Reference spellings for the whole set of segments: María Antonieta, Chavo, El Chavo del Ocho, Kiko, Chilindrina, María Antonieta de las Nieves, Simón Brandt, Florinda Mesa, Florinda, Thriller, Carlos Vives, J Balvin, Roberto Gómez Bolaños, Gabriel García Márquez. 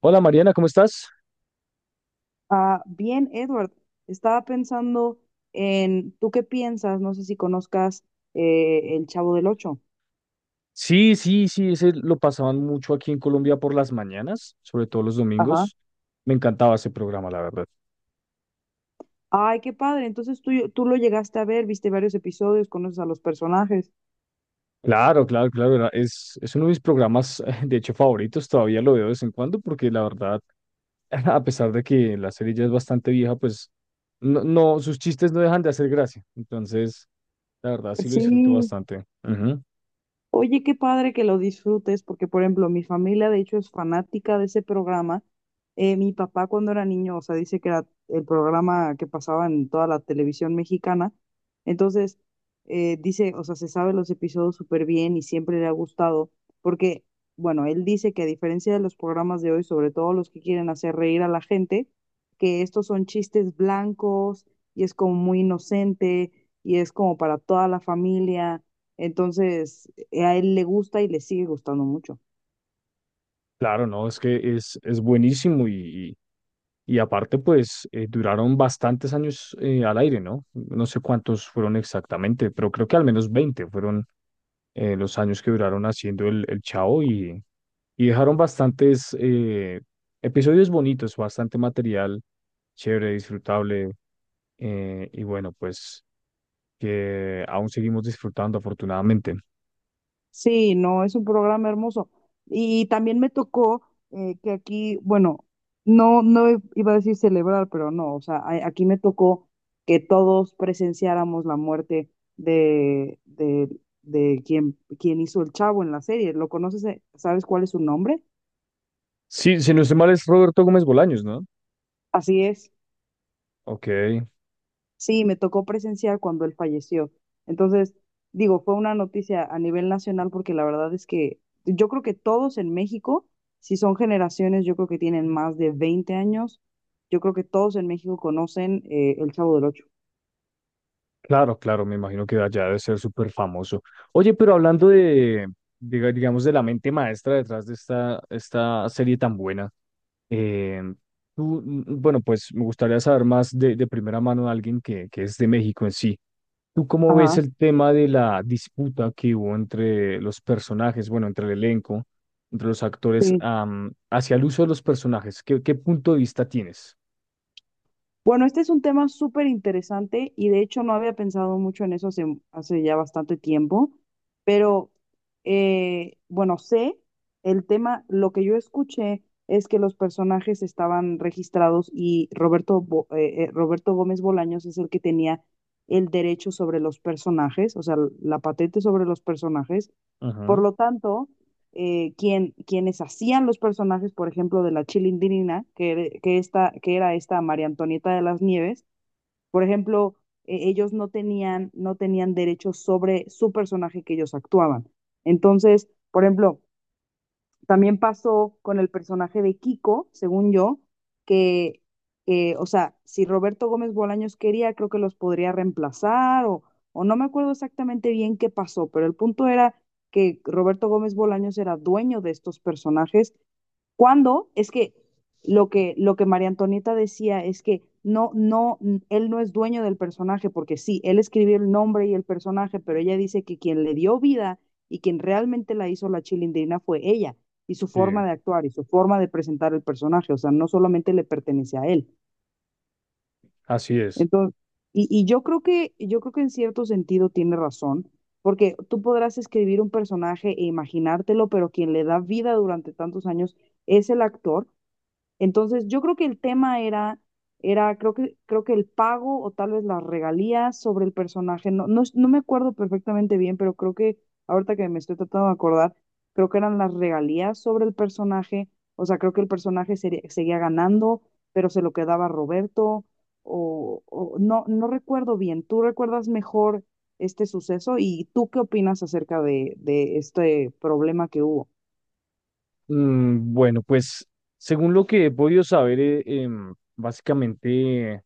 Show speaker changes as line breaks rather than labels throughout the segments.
Hola Mariana, ¿cómo estás?
Ah, bien, Edward, estaba pensando ¿tú qué piensas? No sé si conozcas El Chavo del Ocho.
Sí, sí, sí, ese lo pasaban mucho aquí en Colombia por las mañanas, sobre todo los
Ajá.
domingos. Me encantaba ese programa, la verdad.
Ay, qué padre. Entonces tú lo llegaste a ver, viste varios episodios, conoces a los personajes.
Claro, claro, claro, es uno de mis programas, de hecho, favoritos, todavía lo veo de vez en cuando, porque la verdad, a pesar de que la serie ya es bastante vieja, pues no, no, sus chistes no dejan de hacer gracia. Entonces, la verdad, sí lo disfruto
Sí.
bastante. Ujú.
Oye, qué padre que lo disfrutes, porque por ejemplo, mi familia de hecho es fanática de ese programa. Mi papá cuando era niño, o sea, dice que era el programa que pasaba en toda la televisión mexicana. Entonces, dice, o sea, se sabe los episodios súper bien y siempre le ha gustado, porque, bueno, él dice que a diferencia de los programas de hoy, sobre todo los que quieren hacer reír a la gente, que estos son chistes blancos y es como muy inocente y es como para toda la familia entonces, a él le gusta y le sigue gustando mucho.
Claro, no, es que es buenísimo y aparte, pues duraron bastantes años al aire, ¿no? No sé cuántos fueron exactamente, pero creo que al menos 20 fueron los años que duraron haciendo el Chavo y dejaron bastantes episodios bonitos, bastante material, chévere, disfrutable y bueno, pues que aún seguimos disfrutando afortunadamente.
Sí, no, es un programa hermoso. Y también me tocó que aquí, bueno, no iba a decir celebrar, pero no, o sea, aquí me tocó que todos presenciáramos la muerte de, de, de quien hizo el chavo en la serie. ¿Lo conoces? Sabes cuál es su nombre?
Sí, si no estoy mal es Roberto Gómez Bolaños, ¿no?
Así es.
Ok.
Sí, me tocó presenciar cuando él falleció. Entonces, digo, fue una noticia a nivel nacional porque la verdad es que yo creo que todos en México, si son generaciones, yo creo que tienen más de 20 años, yo creo que todos en México conocen El Chavo del Ocho.
Claro, claro, me imagino que allá debe ser súper famoso. Oye, pero hablando de, digamos, de la mente maestra detrás de esta serie tan buena, eh, tú, bueno, pues me gustaría saber más de primera mano de alguien que es de México en sí. ¿Tú cómo ves
Ajá.
el tema de la disputa que hubo entre los personajes, bueno, entre el elenco, entre los actores, hacia el uso de los personajes? ¿Qué, qué punto de vista tienes?
Bueno, este es un tema súper interesante y de hecho no había pensado mucho en eso hace ya bastante tiempo, pero bueno, sé el tema, lo que yo escuché es que los personajes estaban registrados y Roberto Gómez Bolaños es el que tenía el derecho sobre los personajes, o sea, la patente sobre los personajes. Por
Ajá.
lo tanto, quienes hacían los personajes, por ejemplo, de la Chilindrina, que era esta María Antonieta de las Nieves, por ejemplo, ellos no tenían derechos sobre su personaje que ellos actuaban. Entonces, por ejemplo, también pasó con el personaje de Kiko, según yo, que, o sea, si Roberto Gómez Bolaños quería, creo que los podría reemplazar o no me acuerdo exactamente bien qué pasó, pero el punto era que Roberto Gómez Bolaños era dueño de estos personajes cuando es que lo que María Antonieta decía es que él no es dueño del personaje, porque sí, él escribió el nombre y el personaje, pero ella dice que quien le dio vida y quien realmente la hizo la chilindrina fue ella, y su
Sí,
forma de actuar y su forma de presentar el personaje, o sea, no solamente le pertenece a él.
así es.
Entonces, y yo creo yo creo que en cierto sentido tiene razón, porque tú podrás escribir un personaje e imaginártelo, pero quien le da vida durante tantos años es el actor entonces, yo creo que el tema creo creo que el pago o tal vez las regalías sobre el personaje. No me acuerdo perfectamente bien, pero creo que ahorita que me estoy tratando de acordar, creo que eran las regalías sobre el personaje. O sea, creo que el seguía ganando, pero se lo quedaba Roberto. O no, no recuerdo bien. ¿Tú recuerdas mejor este suceso? ¿Y tú qué opinas acerca de este problema que hubo?
Bueno, pues según lo que he podido saber, básicamente,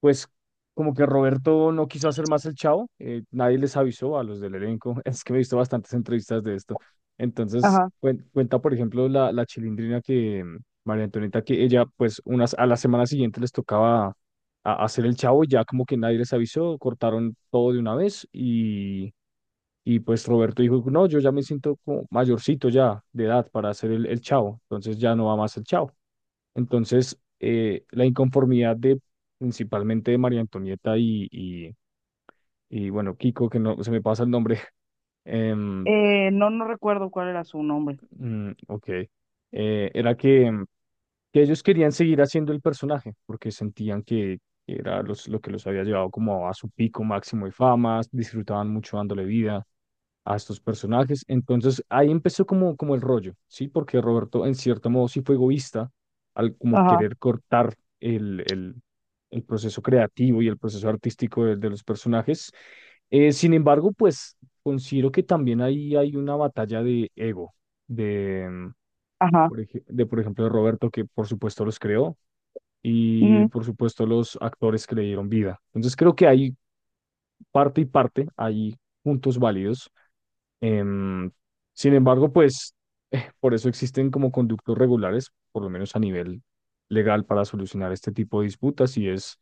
pues como que Roberto no quiso hacer más el Chavo, nadie les avisó a los del elenco. Es que me he visto bastantes entrevistas de esto. Entonces,
Ajá.
cuenta, por ejemplo, la Chilindrina que María Antonieta, que ella, pues unas, a la semana siguiente les tocaba hacer el Chavo, y ya como que nadie les avisó, cortaron todo de una vez y pues Roberto dijo, no, yo ya me siento como mayorcito ya de edad para hacer el chavo, entonces ya no va más el chavo. Entonces, la inconformidad de principalmente de María Antonieta y, bueno, Kiko, que no se me pasa el nombre. em,
No, no recuerdo cuál era su nombre.
ok, era que, que ellos querían seguir haciendo el personaje porque sentían que era los, lo que los había llevado como a su pico máximo de fama, disfrutaban mucho dándole vida a estos personajes. Entonces ahí empezó como, como el rollo, ¿sí? Porque Roberto en cierto modo sí fue egoísta al como
Ajá.
querer cortar el proceso creativo y el proceso artístico de los personajes. Sin embargo, pues considero que también ahí hay una batalla de ego, de,
Ajá,
de por ejemplo de Roberto, que por supuesto los creó. Y
ujú,
por supuesto los actores que le dieron vida. Entonces creo que hay parte y parte, hay puntos válidos. Em, Sin embargo, pues por eso existen como conductos regulares, por lo menos a nivel legal, para solucionar este tipo de disputas y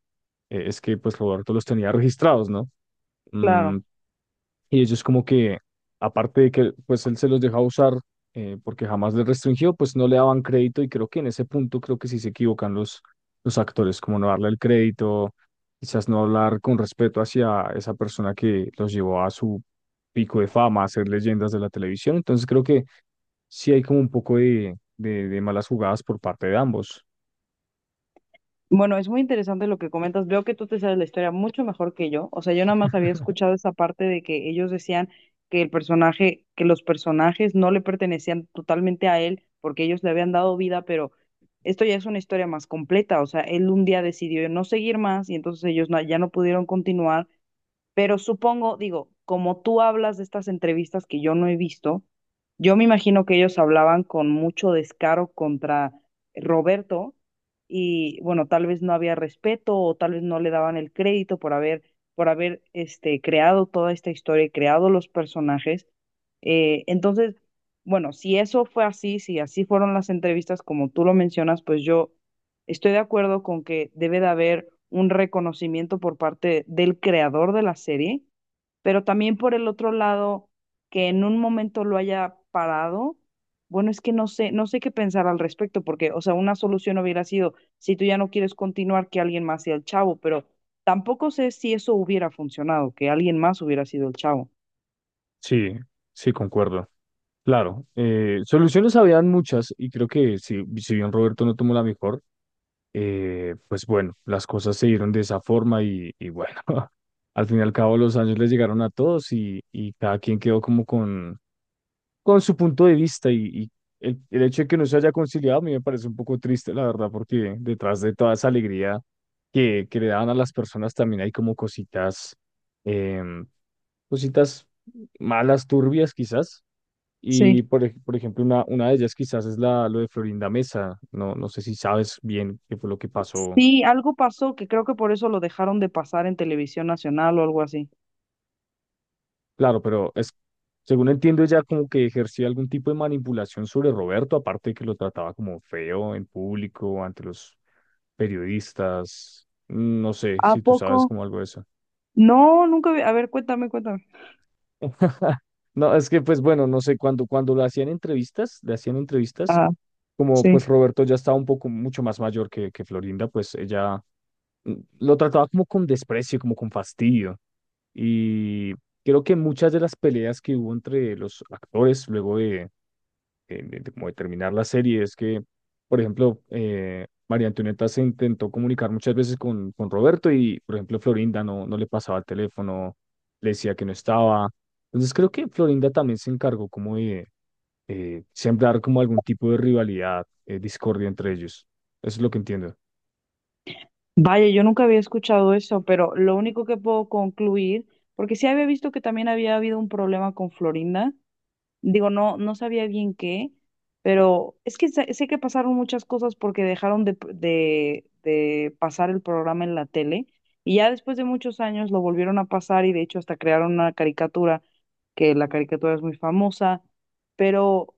es que pues Roberto los tenía registrados, ¿no? Mm,
claro.
y ellos como que, aparte de que pues él se los deja usar porque jamás les restringió, pues no le daban crédito y creo que en ese punto creo que sí se equivocan los actores, como no darle el crédito, quizás no hablar con respeto hacia esa persona que los llevó a su pico de fama, a ser leyendas de la televisión. Entonces creo que sí hay como un poco de malas jugadas por parte de ambos.
Bueno, es muy interesante lo que comentas. Veo que tú te sabes la historia mucho mejor que yo. O sea, yo nada más había escuchado esa parte de que ellos decían que el personaje, que los personajes no le pertenecían totalmente a él porque ellos le habían dado vida, pero esto ya es una historia más completa. O sea, él un día decidió no seguir más y entonces ellos ya no pudieron continuar. Pero supongo, digo, como tú hablas de estas entrevistas que yo no he visto, yo me imagino que ellos hablaban con mucho descaro contra Roberto y bueno, tal vez no había respeto o tal vez no le daban el crédito por por haber este, creado toda esta historia y creado los personajes. Entonces, bueno, si eso fue así, si así fueron las entrevistas como tú lo mencionas, pues yo estoy de acuerdo con que debe de haber un reconocimiento por parte del creador de la serie, pero también por el otro lado, que en un momento lo haya parado, bueno, es que no sé qué pensar al respecto, porque, o sea, una solución hubiera sido, si tú ya no quieres continuar, que alguien más sea el chavo, pero tampoco sé si eso hubiera funcionado, que alguien más hubiera sido el chavo.
Sí, sí, concuerdo. Claro, soluciones habían muchas y creo que si, si bien Roberto no tomó la mejor, pues bueno, las cosas se dieron de esa forma y bueno, al fin y al cabo los años les llegaron a todos y cada quien quedó como con su punto de vista y el hecho de que no se haya conciliado a mí me parece un poco triste, la verdad, porque detrás de toda esa alegría que le daban a las personas también hay como cositas, em, cositas malas, turbias quizás y
Sí.
por, por ejemplo, una de ellas quizás es la, lo de Florinda Mesa. No, no sé si sabes bien qué fue lo que pasó.
Sí, algo pasó que creo que por eso lo dejaron de pasar en televisión nacional o algo así.
Claro, pero es, según entiendo, ella como que ejercía algún tipo de manipulación sobre Roberto, aparte de que lo trataba como feo en público, ante los periodistas. No sé
¿A
si tú
poco?
sabes como algo de eso.
No, nunca vi. A ver, cuéntame.
No, es que pues bueno, no sé, cuando, cuando lo hacían entrevistas, le hacían entrevistas,
Ah,
como pues
sí.
Roberto ya estaba un poco mucho más mayor que Florinda, pues ella lo trataba como con desprecio, como con fastidio. Y creo que muchas de las peleas que hubo entre los actores luego de, de como de terminar la serie es que, por ejemplo, María Antonieta se intentó comunicar muchas veces con Roberto y, por ejemplo, Florinda no, no le pasaba el teléfono, le decía que no estaba. Entonces creo que Florinda también se encargó como de sembrar como algún tipo de rivalidad, discordia entre ellos. Eso es lo que entiendo.
Vaya, yo nunca había escuchado eso, pero lo único que puedo concluir, porque sí había visto que también había habido un problema con Florinda, digo, no sabía bien qué, pero es que sé que pasaron muchas cosas porque dejaron de pasar el programa en la tele y ya después de muchos años lo volvieron a pasar y de hecho hasta crearon una caricatura, que la caricatura es muy famosa, pero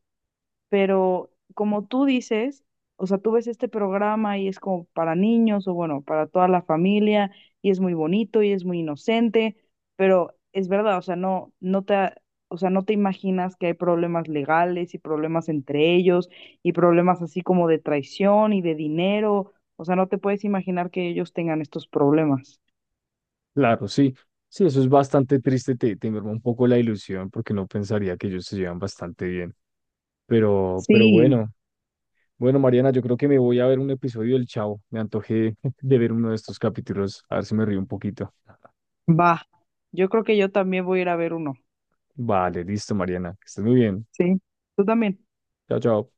pero como tú dices, o sea, tú ves este programa y es como para niños o bueno, para toda la familia y es muy bonito y es muy inocente, pero es verdad, o sea, o sea, no te imaginas que hay problemas legales y problemas entre ellos y problemas así como de traición y de dinero, o sea, no te puedes imaginar que ellos tengan estos problemas.
Claro, sí. Sí, eso es bastante triste, te merma un poco la ilusión porque no pensaría que ellos se llevan bastante bien. Pero
Sí,
bueno, bueno, Mariana, yo creo que me voy a ver un episodio del Chavo. Me antojé de ver uno de estos capítulos, a ver si me río un poquito.
va. Yo creo que yo también voy a ir a ver uno.
Vale, listo, Mariana, que estés muy bien.
Sí, tú también.
Chao, chao.